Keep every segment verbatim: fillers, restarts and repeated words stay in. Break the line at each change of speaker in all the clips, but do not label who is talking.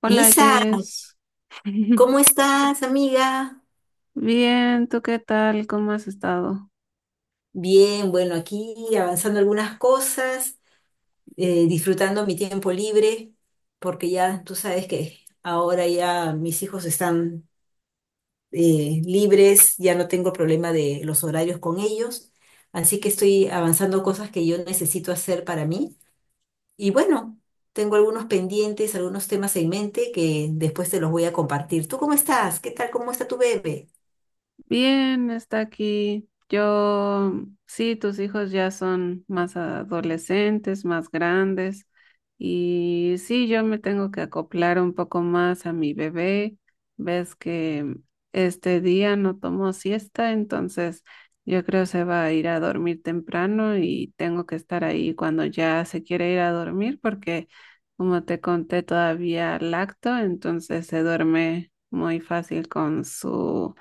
Hola
Isa,
Jess.
¿cómo estás, amiga?
Bien, ¿tú qué tal? ¿Cómo has estado?
Bien, bueno, aquí avanzando algunas cosas, eh, disfrutando mi tiempo libre, porque ya tú sabes que ahora ya mis hijos están eh, libres, ya no tengo problema de los horarios con ellos, así que estoy avanzando cosas que yo necesito hacer para mí. Y bueno, tengo algunos pendientes, algunos temas en mente que después te los voy a compartir. ¿Tú cómo estás? ¿Qué tal? ¿Cómo está tu bebé?
Bien, está aquí. Yo, sí, tus hijos ya son más adolescentes, más grandes. Y sí, yo me tengo que acoplar un poco más a mi bebé. Ves que este día no tomó siesta, entonces yo creo se va a ir a dormir temprano y tengo que estar ahí cuando ya se quiere ir a dormir porque, como te conté, todavía lacto, entonces se duerme muy fácil con su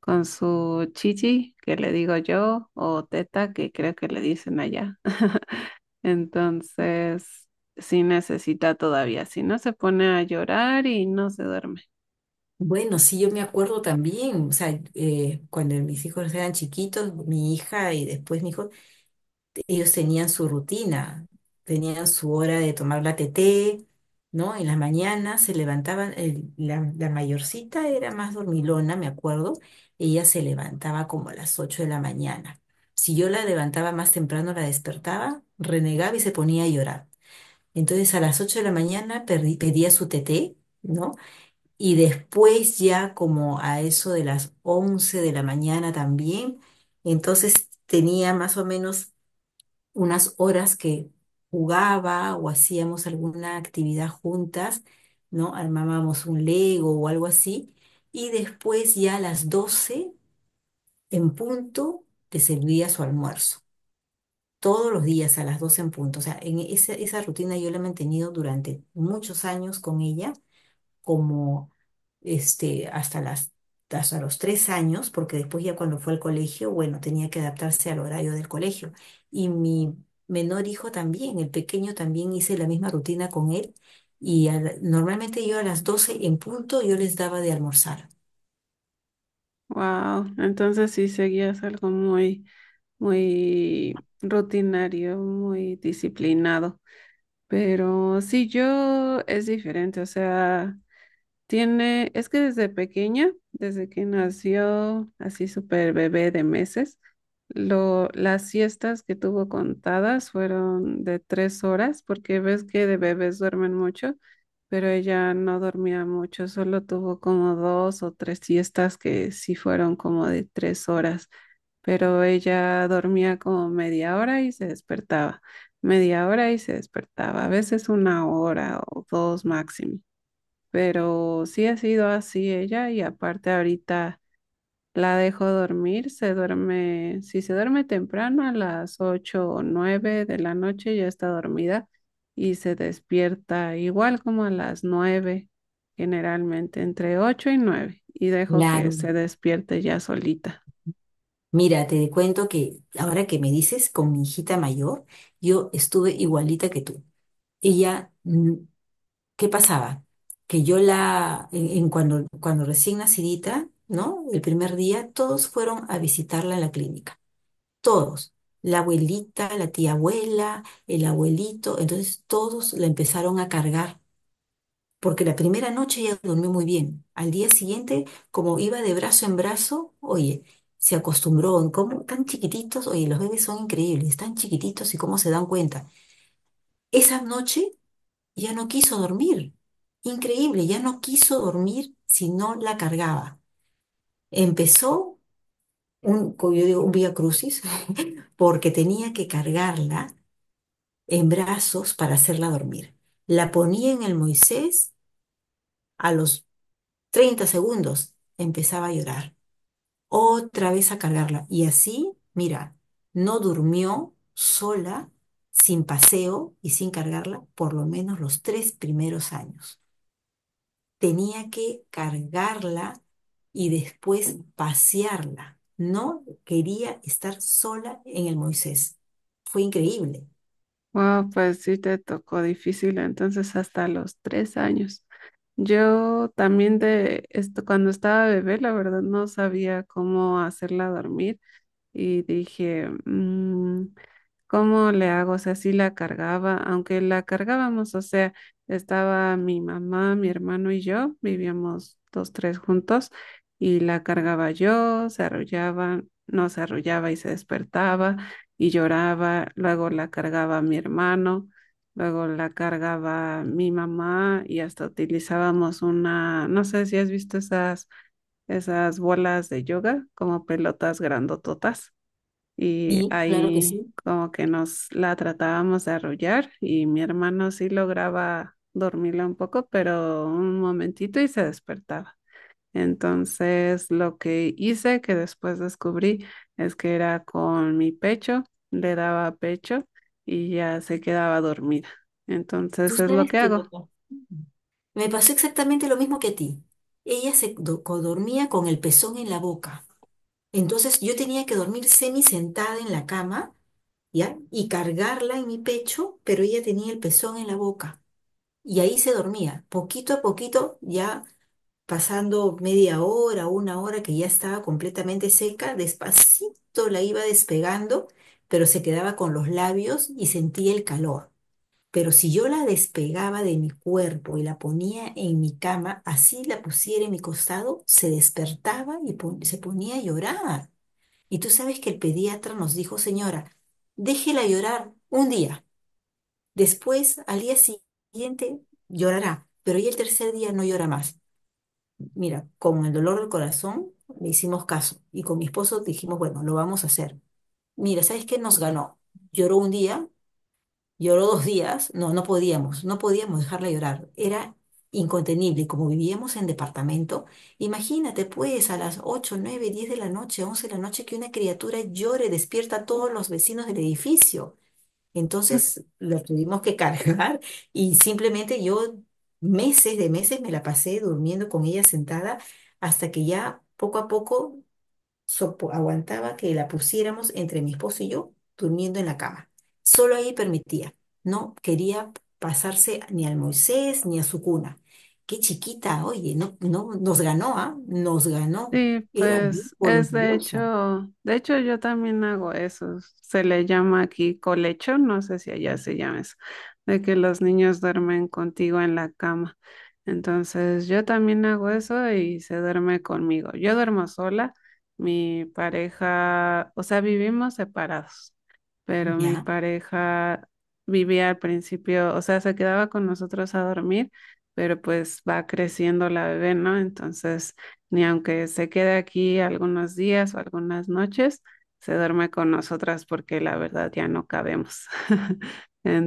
con su chichi, que le digo yo, o teta, que creo que le dicen allá. Entonces, sí necesita todavía, si no se pone a llorar y no se duerme.
Bueno, sí, yo me acuerdo también, o sea, eh, cuando mis hijos eran chiquitos, mi hija y después mi hijo, ellos tenían su rutina, tenían su hora de tomar la teté, ¿no? En las mañanas se levantaban, el- la, la mayorcita era más dormilona, me acuerdo. Ella se levantaba como a las ocho de la mañana. Si yo la levantaba más temprano, la despertaba, renegaba y se ponía a llorar. Entonces a las ocho de la mañana perdí- pedía su teté, ¿no? Y después ya como a eso de las once de la mañana también. Entonces tenía más o menos unas horas que jugaba o hacíamos alguna actividad juntas, ¿no? Armábamos un Lego o algo así. Y después ya a las doce en punto te servía su almuerzo. Todos los días a las doce en punto. O sea, en esa, esa rutina yo la he mantenido durante muchos años con ella como este, hasta las, hasta los tres años, porque después ya cuando fue al colegio, bueno, tenía que adaptarse al horario del colegio. Y mi menor hijo también, el pequeño también hice la misma rutina con él. Y a la- normalmente yo a las doce en punto yo les daba de almorzar.
Wow, entonces sí seguías algo muy, muy rutinario, muy disciplinado. Pero sí, yo es diferente, o sea, Tiene, es que desde pequeña, desde que nació, así súper bebé de meses, lo, las siestas que tuvo contadas fueron de tres horas, porque ves que de bebés duermen mucho, pero ella no dormía mucho, solo tuvo como dos o tres siestas que sí fueron como de tres horas, pero ella dormía como media hora y se despertaba, media hora y se despertaba, a veces una hora o dos máximo, pero sí ha sido así ella. Y aparte ahorita la dejo dormir, se duerme, si se duerme temprano a las ocho o nueve de la noche ya está dormida y se despierta igual como a las nueve, generalmente entre ocho y nueve, y dejo que
Claro.
se despierte ya solita.
Mira, te cuento que ahora que me dices con mi hijita mayor, yo estuve igualita que tú. Ella, mm, ¿qué pasaba? Que yo la, en, en cuando, cuando recién nacidita, ¿no? El primer día, todos fueron a visitarla en la clínica. Todos. La abuelita, la tía abuela, el abuelito. Entonces todos la empezaron a cargar. Porque la primera noche ella durmió muy bien. Al día siguiente, como iba de brazo en brazo, oye, se acostumbró. ¿Cómo? Tan chiquititos, oye, los bebés son increíbles, tan chiquititos y cómo se dan cuenta. Esa noche ya no quiso dormir. Increíble, ya no quiso dormir si no la cargaba. Empezó un, como yo digo, un vía crucis, porque tenía que cargarla en brazos para hacerla dormir. La ponía en el Moisés, a los treinta segundos empezaba a llorar. Otra vez a cargarla. Y así, mira, no durmió sola, sin paseo y sin cargarla, por lo menos los tres primeros años. Tenía que cargarla y después pasearla. No quería estar sola en el Moisés. Fue increíble.
Ah, pues sí te tocó difícil, entonces hasta los tres años. Yo también de esto, cuando estaba bebé, la verdad no sabía cómo hacerla dormir y dije, "Mm, ¿cómo le hago?". O sea, sí la cargaba, aunque la cargábamos, o sea, estaba mi mamá, mi hermano y yo, vivíamos dos tres juntos y la cargaba yo, se arrullaba, no se arrullaba y se despertaba y lloraba, luego la cargaba mi hermano, luego la cargaba mi mamá y hasta utilizábamos una, no sé si has visto esas, esas bolas de yoga como pelotas grandototas y
Sí, claro que
ahí
sí.
como que nos la tratábamos de arrullar y mi hermano sí lograba dormirla un poco, pero un momentito y se despertaba. Entonces lo que hice, que después descubrí, es que era con mi pecho, le daba pecho y ya se quedaba dormida.
Tú
Entonces es lo
sabes
que
que me
hago.
pasó. Me pasó exactamente lo mismo que a ti. Ella se do- co- dormía con el pezón en la boca. Entonces yo tenía que dormir semi sentada en la cama, ¿ya? Y cargarla en mi pecho, pero ella tenía el pezón en la boca. Y ahí se dormía. Poquito a poquito ya, pasando media hora, una hora que ya estaba completamente seca, despacito la iba despegando, pero se quedaba con los labios y sentía el calor. Pero si yo la despegaba de mi cuerpo y la ponía en mi cama, así la pusiera en mi costado, se despertaba y pon- se ponía a llorar. Y tú sabes que el pediatra nos dijo, señora, déjela llorar un día, después al día siguiente llorará, pero ya el tercer día no llora más. Mira, con el dolor del corazón le hicimos caso y con mi esposo dijimos, bueno, lo vamos a hacer. Mira, ¿sabes qué nos ganó? Lloró un día, lloró dos días, no, no podíamos, no podíamos dejarla llorar, era incontenible, y como vivíamos en departamento, imagínate pues a las ocho, nueve, diez de la noche, once de la noche que una criatura llore, despierta a todos los vecinos del edificio. Entonces lo tuvimos que cargar y simplemente yo meses de meses me la pasé durmiendo con ella sentada hasta que ya poco a poco sopo- aguantaba que la pusiéramos entre mi esposo y yo durmiendo en la cama. Solo ahí permitía. No quería pasarse ni al Moisés ni a su cuna. Qué chiquita, oye, no, no, nos ganó, ¿ah? Nos ganó.
Sí,
Era bien
pues es de
voluntariosa.
hecho, de hecho yo también hago eso. Se le llama aquí colecho, no sé si allá se llama eso, de que los niños duermen contigo en la cama. Entonces yo también hago eso y se duerme conmigo. Yo duermo sola, mi pareja, o sea, vivimos separados, pero mi
Ya,
pareja vivía al principio, o sea, se quedaba con nosotros a dormir, pero pues va creciendo la bebé, ¿no? Entonces ni aunque se quede aquí algunos días o algunas noches, se duerme con nosotras porque la verdad ya no cabemos.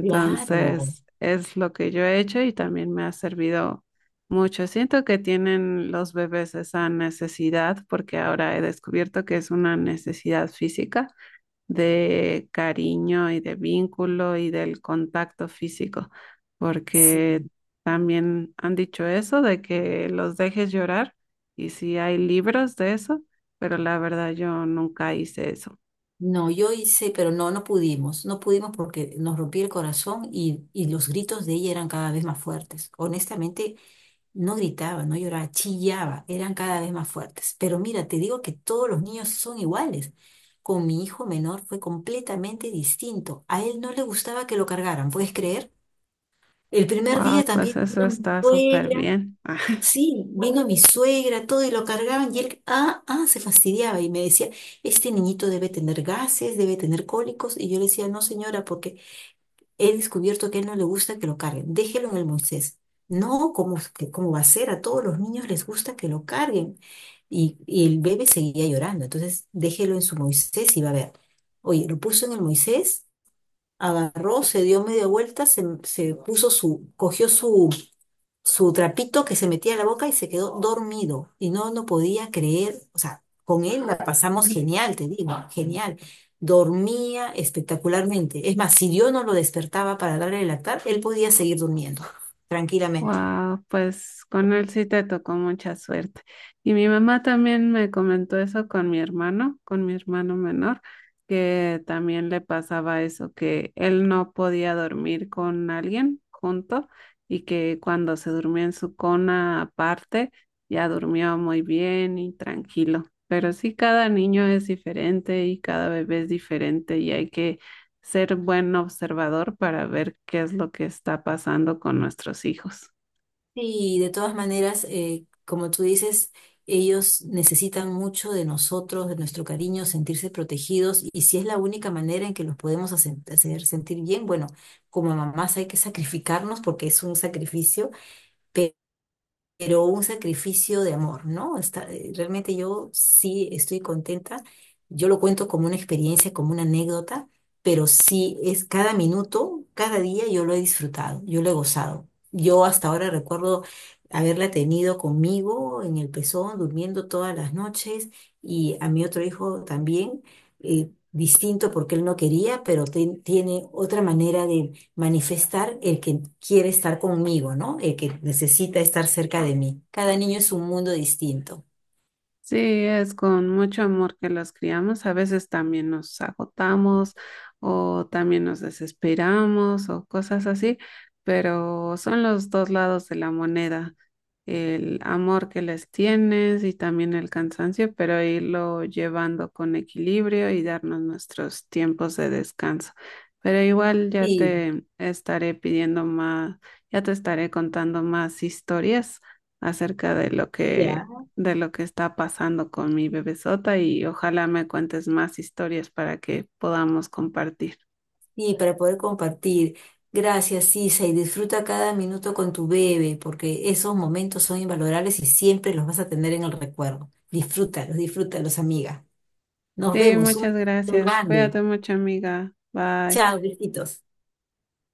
claro.
es lo que yo he hecho y también me ha servido mucho. Siento que tienen los bebés esa necesidad porque ahora he descubierto que es una necesidad física de cariño y de vínculo y del contacto físico,
Sí.
porque también han dicho eso de que los dejes llorar y sí hay libros de eso, pero la verdad yo nunca hice eso.
No, yo hice, pero no, no pudimos, no pudimos porque nos rompí el corazón, y, y los gritos de ella eran cada vez más fuertes. Honestamente, no gritaba, no lloraba, chillaba, eran cada vez más fuertes. Pero mira, te digo que todos los niños son iguales. Con mi hijo menor fue completamente distinto. A él no le gustaba que lo cargaran, ¿puedes creer? El primer día
Wow, pues
también
eso
vino mi
está súper
suegra.
bien.
Sí, vino mi suegra, todo, y lo cargaban y él, ah, ah, se fastidiaba y me decía, este niñito debe tener gases, debe tener cólicos. Y yo le decía, no señora, porque he descubierto que a él no le gusta que lo carguen, déjelo en el Moisés. No, ¿cómo, es que- cómo va a ser? A todos los niños les gusta que lo carguen. Y, y el bebé seguía llorando, entonces déjelo en su Moisés y va a ver. Oye, lo puso en el Moisés, agarró, se dio media vuelta, se, se puso su, cogió su, su trapito que se metía a la boca y se quedó dormido. Y no, no, podía creer, o sea, con él la pasamos genial, te digo, genial. Dormía espectacularmente. Es más, si yo no lo despertaba para darle el lactar, él podía seguir durmiendo tranquilamente.
Wow, pues con él sí te tocó mucha suerte. Y mi mamá también me comentó eso con mi hermano, con mi hermano menor, que también le pasaba eso, que él no podía dormir con alguien junto y que cuando se durmió en su cona aparte, ya durmió muy bien y tranquilo. Pero sí, cada niño es diferente y cada bebé es diferente y hay que ser buen observador para ver qué es lo que está pasando con nuestros hijos.
Sí, de todas maneras, eh, como tú dices, ellos necesitan mucho de nosotros, de nuestro cariño, sentirse protegidos, y si es la única manera en que los podemos hace- hacer sentir bien, bueno, como mamás hay que sacrificarnos porque es un sacrificio, pero un sacrificio de amor, ¿no? Está, eh, realmente yo sí estoy contenta, yo lo cuento como una experiencia, como una anécdota, pero sí, es cada minuto, cada día yo lo he disfrutado, yo lo he gozado. Yo hasta ahora recuerdo haberla tenido conmigo en el pezón, durmiendo todas las noches, y a mi otro hijo también, eh, distinto, porque él no quería, pero ten- tiene otra manera manifestar el que quiere estar conmigo, ¿no? El que necesita estar cerca de mí. Cada niño es un mundo distinto.
Sí, es con mucho amor que los criamos. A veces también nos agotamos o también nos desesperamos o cosas así, pero son los dos lados de la moneda, el amor que les tienes y también el cansancio, pero irlo llevando con equilibrio y darnos nuestros tiempos de descanso. Pero igual ya
Sí.
te estaré pidiendo más, ya te estaré contando más historias acerca de lo que
Ya.
de lo que está pasando con mi bebesota y ojalá me cuentes más historias para que podamos compartir.
Y para poder compartir. Gracias, Isa, y disfruta cada minuto con tu bebé, porque esos momentos son invalorables y siempre los vas a tener en el recuerdo. Disfrútalos, disfrútalos, amiga. Nos
Sí,
vemos, un
muchas
beso
gracias.
grande.
Cuídate mucho, amiga. Bye.
Chao, besitos.